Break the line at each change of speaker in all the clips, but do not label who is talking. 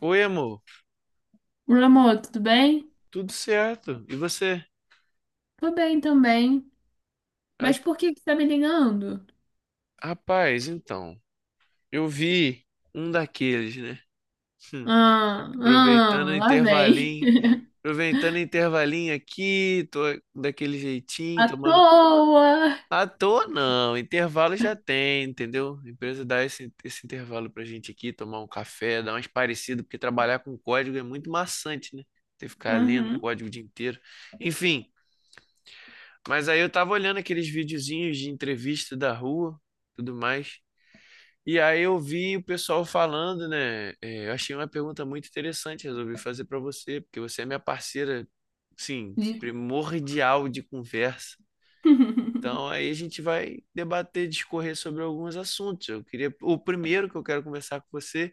Oi, amor.
Meu amor, tudo bem?
Tudo certo? E você?
Tô bem também.
Ah.
Mas por que que você tá me ligando?
Rapaz, então, eu vi um daqueles, né? Hum.
Ah,
Aproveitando o
ah, lá vem.
intervalinho, aproveitando o intervalinho aqui, tô daquele jeitinho,
À
tomando.
toa.
À toa não, intervalo já tem, entendeu? A empresa dá esse intervalo pra gente aqui, tomar um café, dar umas parecidas, porque trabalhar com código é muito maçante, né? Ter que ficar lendo
Uhum.
código o dia inteiro. Enfim, mas aí eu tava olhando aqueles videozinhos de entrevista da rua, tudo mais. E aí eu vi o pessoal falando, né? Eu achei uma pergunta muito interessante, resolvi fazer pra você, porque você é minha parceira, sim,
De-
primordial de conversa. Então aí a gente vai debater, discorrer sobre alguns assuntos. Eu queria, o primeiro que eu quero conversar com você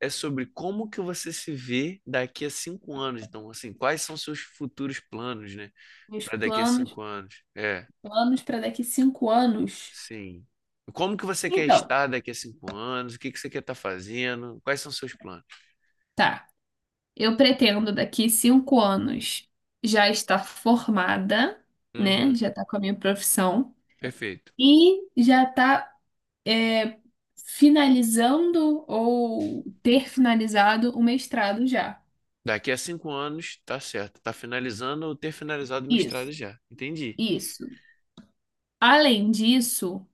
é sobre como que você se vê daqui a 5 anos. Então, assim, quais são seus futuros planos, né?
Meus
Para daqui a
planos,
5 anos. É.
planos para daqui 5 anos.
Sim. Como que você quer
Então,
estar daqui a 5 anos? O que que você quer estar fazendo? Quais são seus planos?
tá. Eu pretendo daqui 5 anos já estar formada, né?
Uhum,
Já tá com a minha profissão
perfeito.
e já tá é, finalizando ou ter finalizado o mestrado já.
Daqui a cinco anos, tá certo. Tá finalizando ou ter finalizado o mestrado
Isso,
já. Entendi.
isso. Além disso,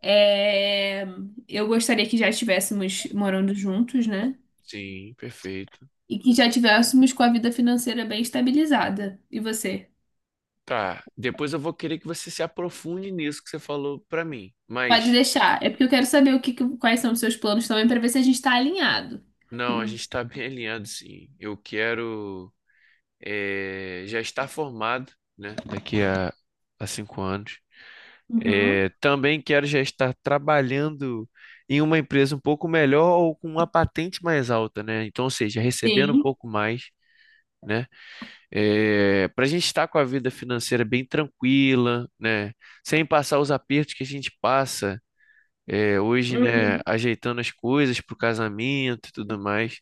é, eu gostaria que já estivéssemos morando juntos, né?
Sim, perfeito.
E que já tivéssemos com a vida financeira bem estabilizada. E você?
Tá. Depois eu vou querer que você se aprofunde nisso que você falou pra mim.
Pode
Mas,
deixar. É porque eu quero saber quais são os seus planos também, para ver se a gente está alinhado.
não, a gente tá bem alinhado, sim. Eu quero já estar formado, né? Daqui a 5 anos.
Hum. Uhum.
É, também quero já estar trabalhando em uma empresa um pouco melhor ou com uma patente mais alta, né? Então, ou seja, recebendo um
Sim.
pouco mais, né? Para a gente estar com a vida financeira bem tranquila, né? Sem passar os apertos que a gente passa hoje, né?
Uhum.
Ajeitando as coisas para o casamento e tudo mais.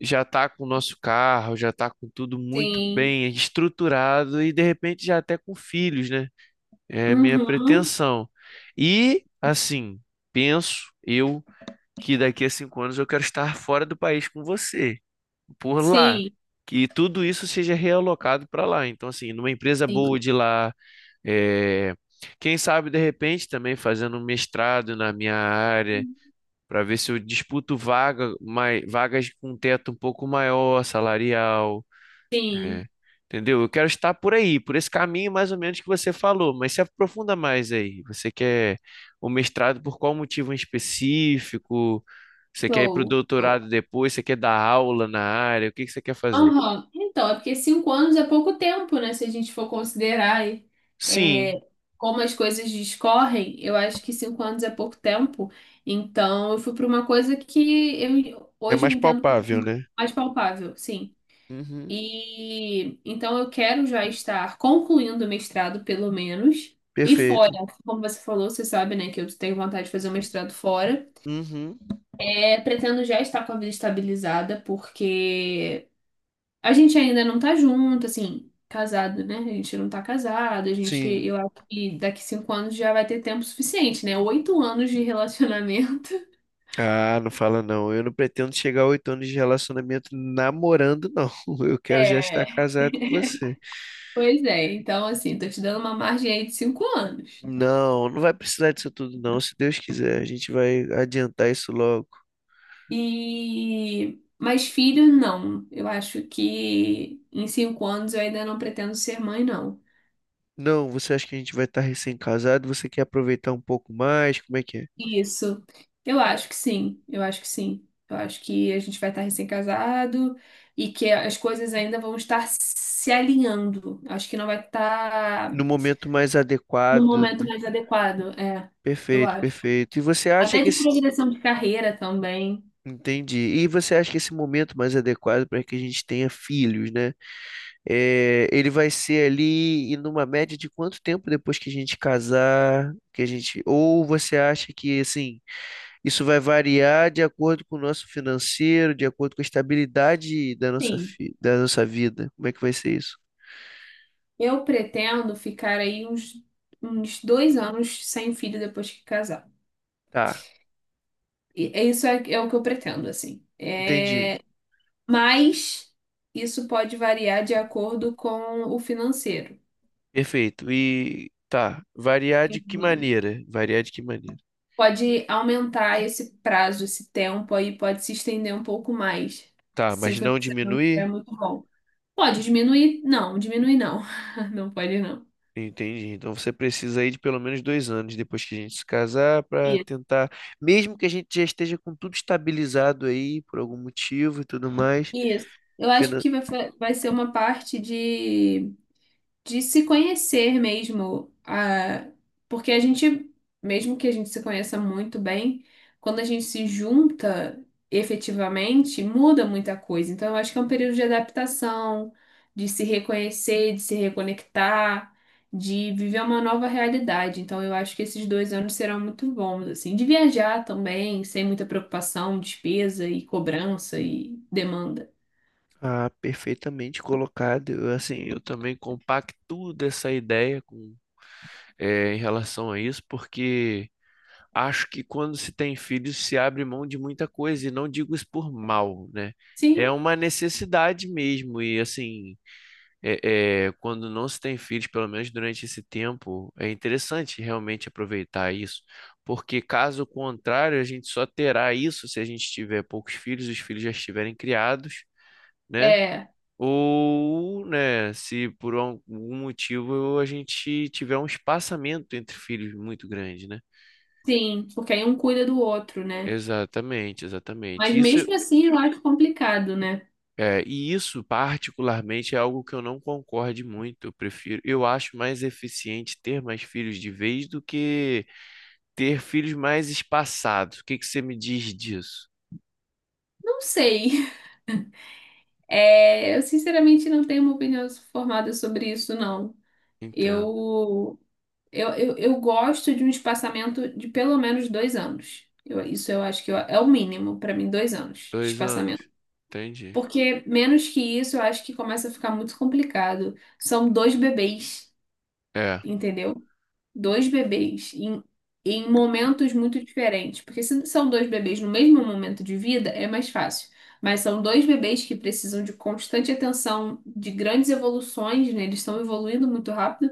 Já tá com o nosso carro, já tá com tudo muito
Sim.
bem estruturado e de repente já até com filhos, né? É a minha
Uhum.
pretensão. E, assim, penso eu que daqui a 5 anos eu quero estar fora do país com você, por lá.
Sim.
Que tudo isso seja realocado para lá. Então, assim, numa empresa boa
Sim.
de lá, é, quem sabe de repente também fazendo um mestrado na minha área, para ver se eu disputo vagas com teto um pouco maior, salarial. É,
Sim.
entendeu? Eu quero estar por aí, por esse caminho mais ou menos que você falou, mas se aprofunda mais aí. Você quer o mestrado por qual motivo em específico? Você quer ir para o
Show.
doutorado
Show.
depois? Você quer dar aula na área? O que que você quer fazer?
Aham. Então, é porque 5 anos é pouco tempo, né? Se a gente for considerar aí, é,
Sim,
como as coisas discorrem, eu acho que 5 anos é pouco tempo. Então, eu fui para uma coisa que eu,
é
hoje, eu
mais
entendo
palpável,
como
né?
mais palpável, sim.
Uhum.
E então eu quero já estar concluindo o mestrado, pelo menos. E fora,
Perfeito.
como você falou, você sabe, né, que eu tenho vontade de fazer o mestrado fora.
Uhum.
É, pretendo já estar com a vida estabilizada, porque a gente ainda não tá junto, assim, casado, né? A gente não tá casado, a gente,
Sim.
eu acho que daqui 5 anos já vai ter tempo suficiente, né? 8 anos de relacionamento.
Ah, não fala não. Eu não pretendo chegar a 8 anos de relacionamento namorando, não. Eu quero já estar
É,
casado com você.
pois é. Então, assim, tô te dando uma margem aí de 5 anos.
Não, não vai precisar disso tudo, não. Se Deus quiser, a gente vai adiantar isso logo.
E, mas filho, não. Eu acho que em 5 anos eu ainda não pretendo ser mãe, não.
Não, você acha que a gente vai estar recém-casado? Você quer aproveitar um pouco mais? Como é que é?
Isso. Eu acho que sim, eu acho que sim. Eu acho que a gente vai estar recém-casado e que as coisas ainda vão estar se alinhando. Acho que não vai estar
No momento mais
no
adequado,
momento
né?
mais adequado, eu
Perfeito,
acho.
perfeito. E você acha
Até
que
de
esse.
progressão de carreira também.
Entendi. E você acha que esse momento mais adequado para que a gente tenha filhos, né? É, ele vai ser ali e numa média de quanto tempo depois que a gente casar, que a gente. Ou você acha que assim. Isso vai variar de acordo com o nosso financeiro, de acordo com a estabilidade da nossa,
Sim.
da nossa vida. Como é que vai ser isso?
Eu pretendo ficar aí uns 2 anos sem filho depois que casar.
Tá,
E é isso é o que eu pretendo, assim.
entendi.
É, mas isso pode variar de acordo com o financeiro.
Perfeito. E tá, variar de que maneira? Variar de que maneira?
Pode aumentar esse prazo, esse tempo aí, pode se estender um pouco mais,
Tá,
se o
mas não
financeiro não estiver
diminuir?
muito bom. Pode diminuir? Não, diminuir não. Não pode não.
Entendi. Então você precisa aí de pelo menos 2 anos depois que a gente se casar para
Isso.
tentar, mesmo que a gente já esteja com tudo estabilizado aí por algum motivo e tudo mais,
Isso. Eu acho
finan-
que vai, vai ser uma parte de se conhecer mesmo, ah, porque mesmo que a gente se conheça muito bem, quando a gente se junta efetivamente, muda muita coisa. Então, eu acho que é um período de adaptação, de se reconhecer, de se reconectar, de viver uma nova realidade. Então, eu acho que esses 2 anos serão muito bons, assim, de viajar também, sem muita preocupação, despesa e cobrança e demanda.
ah, perfeitamente colocado. Eu, assim, eu também compactuo dessa ideia com, em relação a isso, porque acho que quando se tem filhos se abre mão de muita coisa, e não digo isso por mal, né?
Sim,
É uma necessidade mesmo, e assim, quando não se tem filhos, pelo menos durante esse tempo, é interessante realmente aproveitar isso, porque caso contrário, a gente só terá isso se a gente tiver poucos filhos, os filhos já estiverem criados, né?
é,
Ou, né, se por algum motivo a gente tiver um espaçamento entre filhos muito grande, né?
sim, porque aí um cuida do outro, né?
Exatamente,
Mas
exatamente. Isso
mesmo assim, eu acho complicado, né?
é, e isso particularmente é algo que eu não concorde muito. Eu prefiro, eu acho mais eficiente ter mais filhos de vez do que ter filhos mais espaçados. O que que você me diz disso?
Não sei. É, eu sinceramente não tenho uma opinião formada sobre isso, não.
Entendo.
Eu, eu gosto de um espaçamento de pelo menos 2 anos. Isso eu acho que é o mínimo para mim, 2 anos de
2 anos.
espaçamento.
Entendi.
Porque menos que isso, eu acho que começa a ficar muito complicado. São dois bebês,
É.
entendeu? Dois bebês em momentos muito diferentes. Porque se são dois bebês no mesmo momento de vida, é mais fácil. Mas são dois bebês que precisam de constante atenção, de grandes evoluções, né? Eles estão evoluindo muito rápido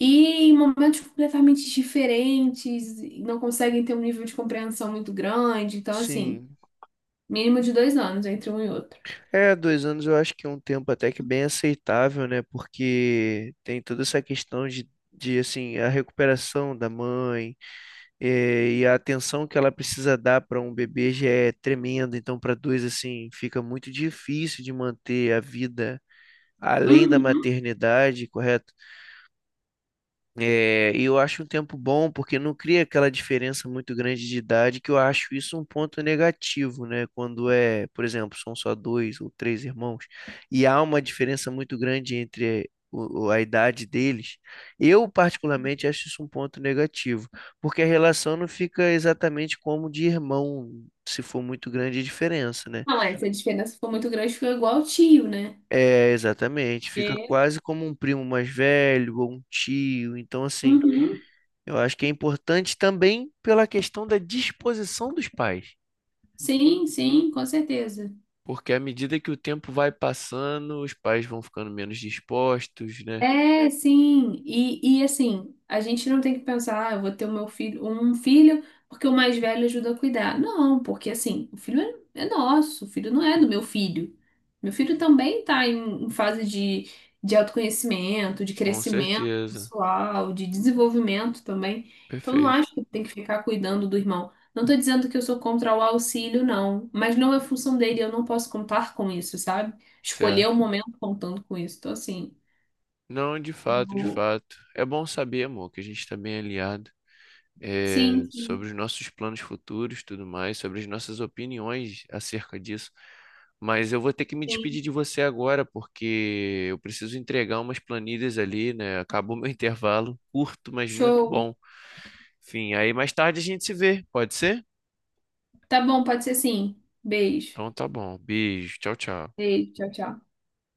e em momentos completamente diferentes, e não conseguem ter um nível de compreensão muito grande. Então, assim,
Sim.
mínimo de 2 anos entre um e outro.
É, 2 anos eu acho que é um tempo até que bem aceitável, né? Porque tem toda essa questão de assim, a recuperação da mãe e a atenção que ela precisa dar para um bebê já é tremenda. Então, para dois, assim, fica muito difícil de manter a vida além da
Uhum.
maternidade, correto? É, e eu acho um tempo bom porque não cria aquela diferença muito grande de idade, que eu acho isso um ponto negativo, né? Quando é, por exemplo, são só dois ou três irmãos, e há uma diferença muito grande entre a idade deles. Eu, particularmente, acho isso um ponto negativo, porque a relação não fica exatamente como de irmão, se for muito grande a diferença, né?
Não, é, se a diferença for muito grande, fica igual ao tio, né?
É, exatamente, fica
É.
quase como um primo mais velho ou um tio, então assim.
Uhum.
Eu acho que é importante também pela questão da disposição dos pais,
Sim, sim, com certeza.
porque à medida que o tempo vai passando, os pais vão ficando menos dispostos, né?
É, sim. E assim, a gente não tem que pensar, ah, eu vou ter o meu filho, um filho, porque o mais velho ajuda a cuidar. Não, porque assim, o filho é nosso, o filho não é do meu filho. Meu filho também está em fase de autoconhecimento, de
Com
crescimento
certeza.
pessoal, de desenvolvimento também. Então não
Perfeito.
acho que tem que ficar cuidando do irmão. Não estou dizendo que eu sou contra o auxílio, não, mas não é função dele, eu não posso contar com isso, sabe? Escolher
Certo.
o momento contando com isso. Então, assim.
Não, de fato, de fato. É bom saber, amor, que a gente está bem alinhado.
Sim,
Sobre
sim,
os nossos planos futuros, tudo mais, sobre as nossas opiniões acerca disso. Mas eu vou ter que me
sim.
despedir de você agora, porque eu preciso entregar umas planilhas ali, né? Acabou meu intervalo, curto, mas muito
Show.
bom. Enfim, aí mais tarde a gente se vê, pode ser?
Tá bom, pode ser sim. Beijo.
Então tá bom. Beijo, tchau, tchau.
Beijo, tchau, tchau.